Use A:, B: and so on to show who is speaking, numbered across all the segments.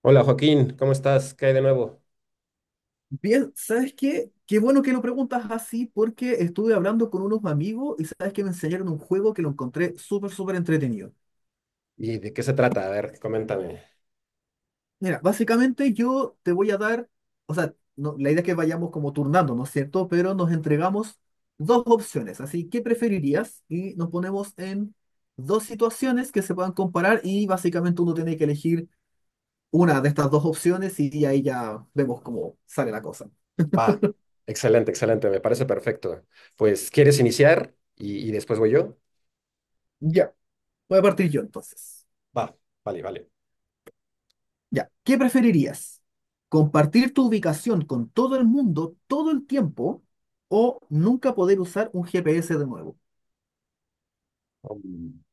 A: Hola Joaquín, ¿cómo estás? ¿Qué hay de nuevo?
B: Bien, ¿sabes qué? Qué bueno que lo preguntas así porque estuve hablando con unos amigos y sabes que me enseñaron un juego que lo encontré súper, súper entretenido.
A: ¿Y de qué se trata? A ver, coméntame.
B: Mira, básicamente yo te voy a dar, o sea, la idea es que vayamos como turnando, ¿no es cierto? Pero nos entregamos dos opciones, así, ¿qué preferirías? Y nos ponemos en dos situaciones que se puedan comparar y básicamente uno tiene que elegir una de estas dos opciones y ahí ya vemos cómo sale la cosa.
A: Ah, excelente, excelente, me parece perfecto. Pues, ¿quieres iniciar y después voy yo?
B: Ya, voy a partir yo entonces.
A: Va, vale, vale.
B: Ya, ¿qué preferirías? ¿Compartir tu ubicación con todo el mundo todo el tiempo o nunca poder usar un GPS de nuevo?
A: Um,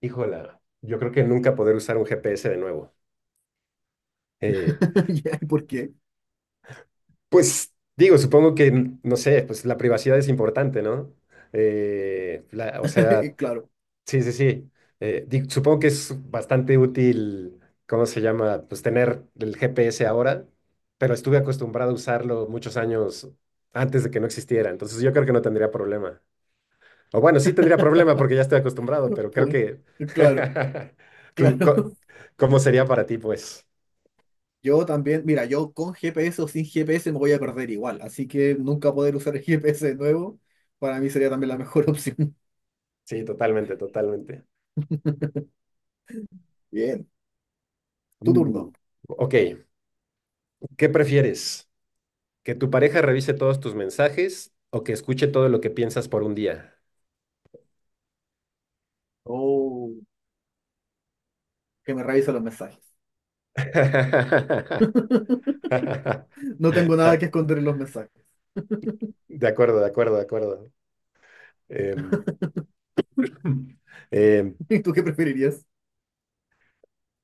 A: híjola, yo creo que nunca poder usar un GPS de nuevo. Eh,
B: Ya, ¿por qué?
A: pues, digo, supongo que, no sé, pues la privacidad es importante, ¿no? O sea,
B: Claro,
A: sí, sí, sí. Supongo que es bastante útil, ¿cómo se llama? Pues tener el GPS ahora, pero estuve acostumbrado a usarlo muchos años antes de que no existiera, entonces yo creo que no tendría problema. O bueno, sí tendría problema porque ya estoy acostumbrado, pero creo
B: por-
A: que...
B: claro,
A: ¿Tú,
B: claro.
A: cómo sería para ti, pues?
B: Yo también, mira, yo con GPS o sin GPS me voy a perder igual, así que nunca poder usar el GPS de nuevo para mí sería también la mejor opción.
A: Sí, totalmente, totalmente.
B: Bien, tu
A: Mm.
B: turno.
A: Ok, ¿qué prefieres? ¿Que tu pareja revise todos tus mensajes o que escuche todo lo que piensas por un día?
B: Oh, que me revisa los mensajes. No tengo nada
A: De
B: que esconder en los mensajes.
A: acuerdo, de acuerdo, de acuerdo. Em, em,
B: ¿Y tú qué preferirías?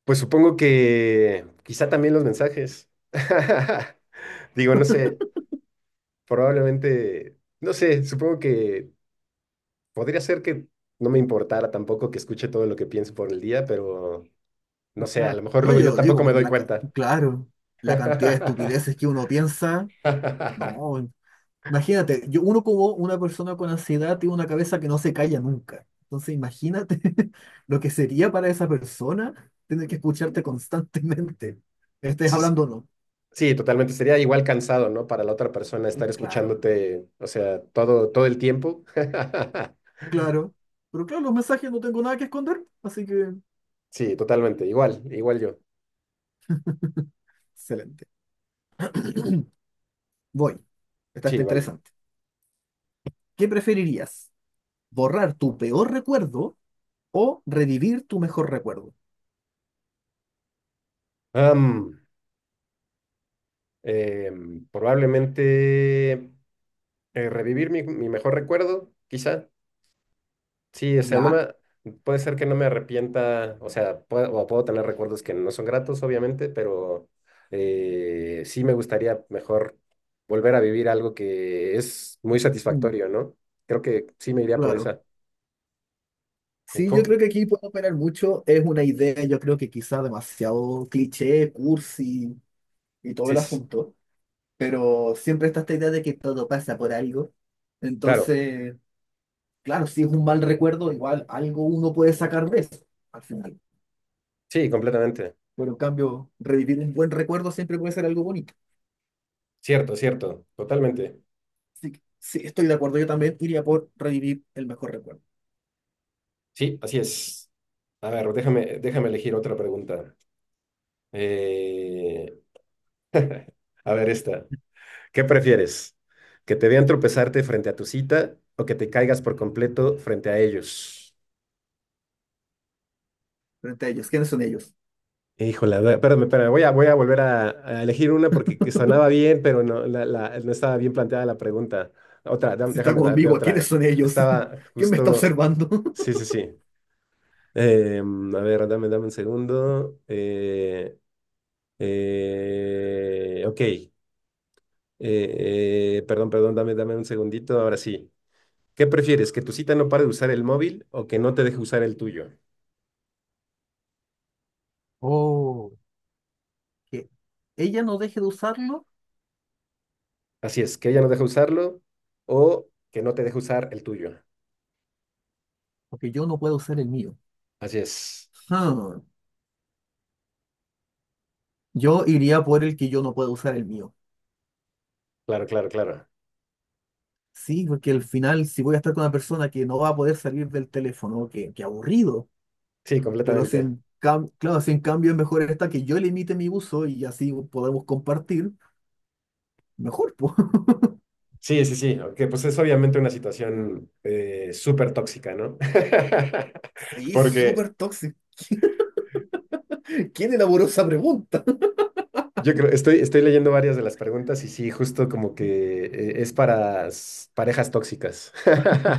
A: pues supongo que quizá también los mensajes. Digo, no sé, probablemente, no sé, supongo que podría ser que no me importara tampoco que escuche todo lo que pienso por el día, pero
B: Sí,
A: no sé, a
B: claro.
A: lo mejor
B: No,
A: luego
B: yo
A: yo
B: lo digo
A: tampoco me
B: por
A: doy
B: la,
A: cuenta.
B: claro, la cantidad de estupideces que uno piensa. No, imagínate, yo, uno como una persona con ansiedad tiene una cabeza que no se calla nunca. Entonces, imagínate lo que sería para esa persona tener que escucharte constantemente. Estés
A: Sí,
B: hablando o no.
A: sí, totalmente. Sería igual cansado, ¿no? Para la otra persona estar
B: Claro,
A: escuchándote, o sea, todo, todo el tiempo.
B: claro. Pero claro, los mensajes no tengo nada que esconder, así que
A: Sí, totalmente. Igual, igual yo.
B: excelente. Voy. Esta está
A: Sí, vale.
B: interesante. ¿Qué preferirías? ¿Borrar tu peor recuerdo o revivir tu mejor recuerdo?
A: Am, probablemente revivir mi mejor recuerdo, quizá. Sí, o sea, no
B: ¿Ya?
A: me, puede ser que no me arrepienta, o sea, puedo, o puedo tener recuerdos que no son gratos, obviamente, pero sí me gustaría mejor volver a vivir algo que es muy
B: Mm.
A: satisfactorio, ¿no? Creo que sí me iría por
B: Claro.
A: esa. ¿Y
B: Sí, yo
A: co-
B: creo que aquí puede operar mucho. Es una idea, yo creo que quizá demasiado cliché, cursi y todo
A: Sí,
B: el
A: sí,
B: asunto. Pero siempre está esta idea de que todo pasa por algo.
A: claro,
B: Entonces, claro, si es un mal recuerdo, igual algo uno puede sacar de eso al final.
A: sí, completamente.
B: Pero en cambio, revivir un buen recuerdo siempre puede ser algo bonito.
A: Cierto, cierto, totalmente.
B: Así que sí, estoy de acuerdo. Yo también iría por revivir el mejor recuerdo
A: Sí, así es. A ver, déjame elegir otra pregunta. Eh, a ver, esta. ¿Qué prefieres? ¿Que te vean tropezarte frente a tu cita o que te caigas por completo frente a ellos?
B: frente a ellos. ¿Quiénes son ellos?
A: Híjole, a ver, espérame, espérame, voy a volver a elegir una porque que sonaba bien, pero no, no estaba bien planteada la pregunta. Otra,
B: Está
A: déjame
B: como
A: darte
B: ambigua. ¿Quiénes
A: otra.
B: son ellos?
A: Estaba
B: ¿Quién me está
A: justo.
B: observando?
A: Sí, sí, sí. A ver, dame un segundo. Ok. Perdón, perdón, dame un segundito. Ahora sí. ¿Qué prefieres? ¿Que tu cita no pare de usar el móvil o que no te deje usar el tuyo?
B: Oh, que ella no deje de usarlo
A: Así es, que ella no deje usarlo o que no te deje usar el tuyo.
B: porque yo no puedo usar el mío.
A: Así es.
B: Hmm. Yo iría por el que yo no puedo usar el mío.
A: Claro, claro, claro.
B: Sí, porque al final, si voy a estar con una persona que no va a poder salir del teléfono, que aburrido.
A: Sí,
B: Pero si
A: completamente.
B: claro, si en cambio es mejor esta que yo limite mi uso y así podemos compartir, mejor, pues.
A: Sí, sí, sí, aunque pues es obviamente una situación súper tóxica, ¿no?
B: Sí,
A: Porque
B: súper tóxico. ¿Quién elaboró esa pregunta?
A: yo creo, estoy leyendo varias de las preguntas y sí, justo como que es para parejas tóxicas.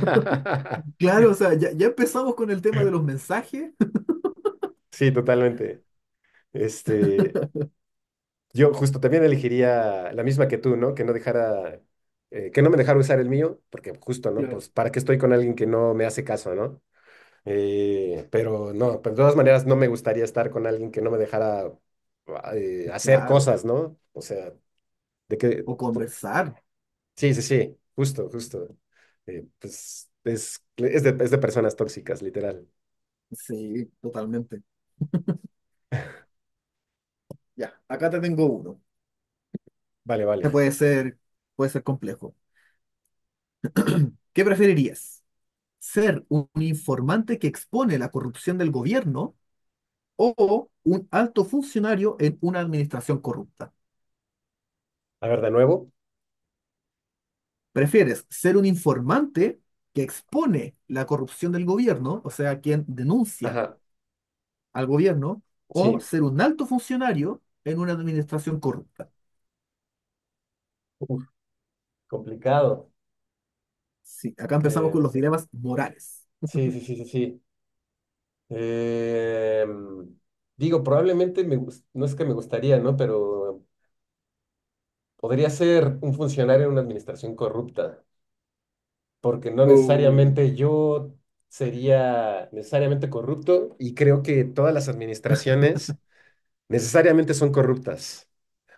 B: Claro, o sea, ya empezamos con el tema de los mensajes.
A: Sí, totalmente. Este, yo justo también elegiría la misma que tú, ¿no? Que no dejara, que no me dejara usar el mío, porque justo, ¿no?
B: Claro.
A: Pues para qué estoy con alguien que no me hace caso, ¿no? Pero no, pues de todas maneras no me gustaría estar con alguien que no me dejara hacer
B: Claro.
A: cosas, ¿no? O sea, de que,
B: O conversar.
A: sí, sí, sí, justo, justo. Pues es, es de personas tóxicas, literal.
B: Sí, totalmente. Ya, acá te tengo uno.
A: Vale,
B: Que
A: vale.
B: puede ser, puede ser complejo. ¿Qué preferirías? ¿Ser un informante que expone la corrupción del gobierno o un alto funcionario en una administración corrupta?
A: A ver, de nuevo.
B: ¿Prefieres ser un informante que expone la corrupción del gobierno, o sea, quien denuncia
A: Ajá,
B: al gobierno, o
A: sí.
B: ser un alto funcionario en una administración corrupta?
A: Uf, complicado.
B: Sí, acá empezamos
A: Eh,
B: con los dilemas morales.
A: sí, sí, sí, sí, sí. Eh, digo, probablemente no es que me gustaría, ¿no? Pero podría ser un funcionario en una administración corrupta, porque no
B: Uh,
A: necesariamente yo sería necesariamente corrupto y creo que todas las administraciones necesariamente son corruptas,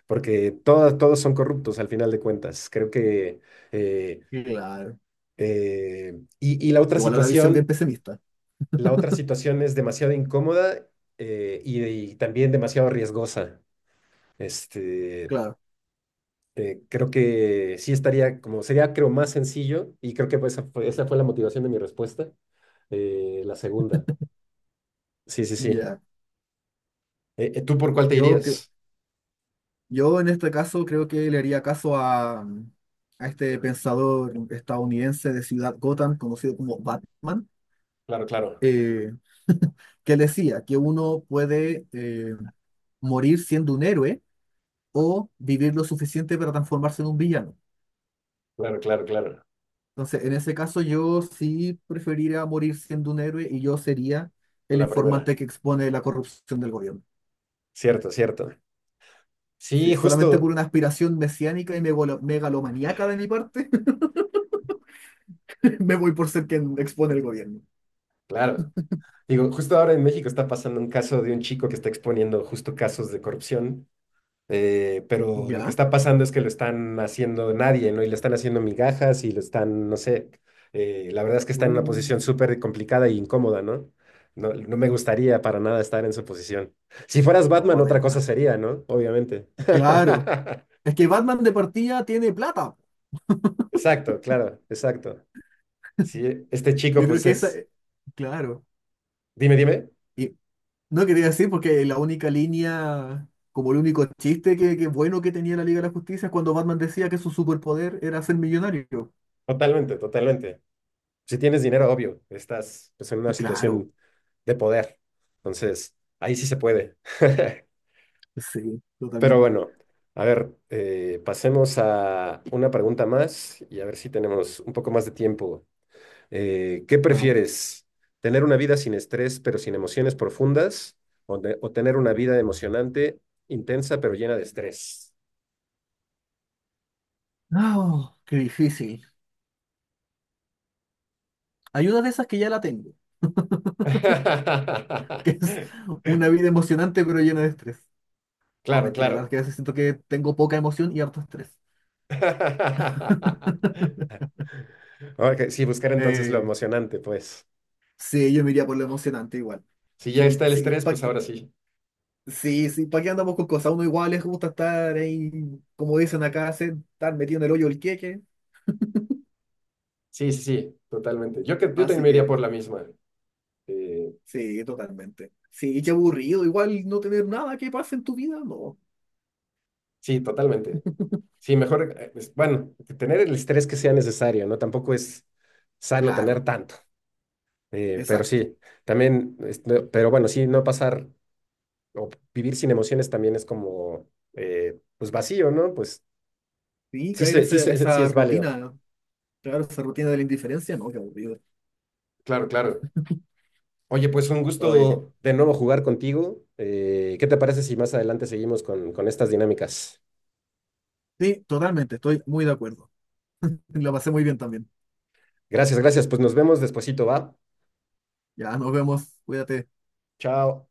A: porque todas, todos son corruptos al final de cuentas. Creo que... eh,
B: claro.
A: y
B: Igual una visión bien pesimista.
A: la otra situación es demasiado incómoda y también demasiado riesgosa. Este,
B: Claro.
A: creo que sí estaría como, sería creo más sencillo y creo que pues, esa fue la motivación de mi respuesta, la segunda. Sí, sí, sí.
B: Ya.
A: ¿Tú por cuál te
B: Yo, cre-
A: irías?
B: yo en este caso creo que le haría caso a, mm, a este pensador estadounidense de Ciudad Gotham, conocido como Batman,
A: Claro, claro,
B: eh, que decía que uno puede morir siendo un héroe o vivir lo suficiente para transformarse en un villano.
A: claro, claro, claro.
B: Entonces, en ese caso yo sí preferiría morir siendo un héroe y yo sería el
A: La primera.
B: informante que expone la corrupción del gobierno.
A: Cierto, cierto.
B: Sí,
A: Sí,
B: solamente por
A: justo,
B: una aspiración mesiánica y megalomaníaca de mi parte, me voy por ser quien expone el gobierno.
A: claro. Digo, justo ahora en México está pasando un caso de un chico que está exponiendo justo casos de corrupción. Pero lo que
B: ¿Ya?
A: está pasando es que lo están haciendo nadie, ¿no? Y le están haciendo migajas y lo están, no sé, la verdad es que está en una
B: Uh,
A: posición súper complicada e incómoda, ¿no? No, no me gustaría para nada estar en su posición. Si fueras
B: no,
A: Batman, otra cosa
B: además.
A: sería, ¿no? Obviamente.
B: Claro. Es que Batman de partida tiene plata.
A: Exacto, claro, exacto. Sí, este chico,
B: Yo creo
A: pues
B: que esa.
A: es,
B: Claro.
A: dime, dime,
B: Y no quería decir porque la única línea, como el único chiste que bueno que tenía la Liga de la Justicia es cuando Batman decía que su superpoder era ser millonario.
A: totalmente, totalmente. Si tienes dinero, obvio, estás pues, en una
B: Y claro.
A: situación de poder. Entonces, ahí sí se puede.
B: Sí,
A: Pero
B: totalmente.
A: bueno, a ver, pasemos a una pregunta más y a ver si tenemos un poco más de tiempo. ¿Qué
B: Ajá.
A: prefieres? ¿Tener una vida sin estrés pero sin emociones profundas? ¿ o tener una vida emocionante, intensa pero llena de estrés?
B: Ah, qué difícil. Hay una de esas que ya la tengo. que es una vida emocionante pero llena de estrés. No,
A: Claro,
B: mentira,
A: claro.
B: la verdad es que a veces siento que tengo poca emoción y harto estrés.
A: Ok, sí, buscar entonces lo
B: Eh,
A: emocionante, pues.
B: sí, yo me iría por lo emocionante igual.
A: Si ya
B: Sí,
A: está el
B: sí,
A: estrés,
B: pa
A: pues
B: que,
A: ahora sí.
B: sí, sí, ¿para qué andamos con cosas? A uno igual les gusta estar ahí, como dicen acá, estar metido en el hoyo el queque.
A: Sí, sí, sí, totalmente. Yo también
B: Así
A: me iría
B: que,
A: por la misma. Eh,
B: sí, totalmente. Sí, qué aburrido, igual no tener nada que pase en tu vida, no.
A: sí, totalmente. Sí, mejor, bueno, tener el estrés que sea necesario, ¿no? Tampoco es sano
B: Claro,
A: tener tanto, pero
B: exacto.
A: sí, también, este, pero bueno, sí, no pasar o vivir sin emociones también es como, pues vacío, ¿no? Pues
B: Sí,
A: sí,
B: caer esa,
A: sí
B: esa
A: es válido.
B: rutina, claro, esa rutina de la indiferencia, no, qué aburrido.
A: Claro, claro. Oye, pues un
B: Oye,
A: gusto de nuevo jugar contigo. ¿Qué te parece si más adelante seguimos con estas dinámicas?
B: sí, totalmente, estoy muy de acuerdo. Lo pasé muy bien también.
A: Gracias, gracias. Pues nos vemos despuesito, ¿va?
B: Ya, nos vemos. Cuídate.
A: Chao.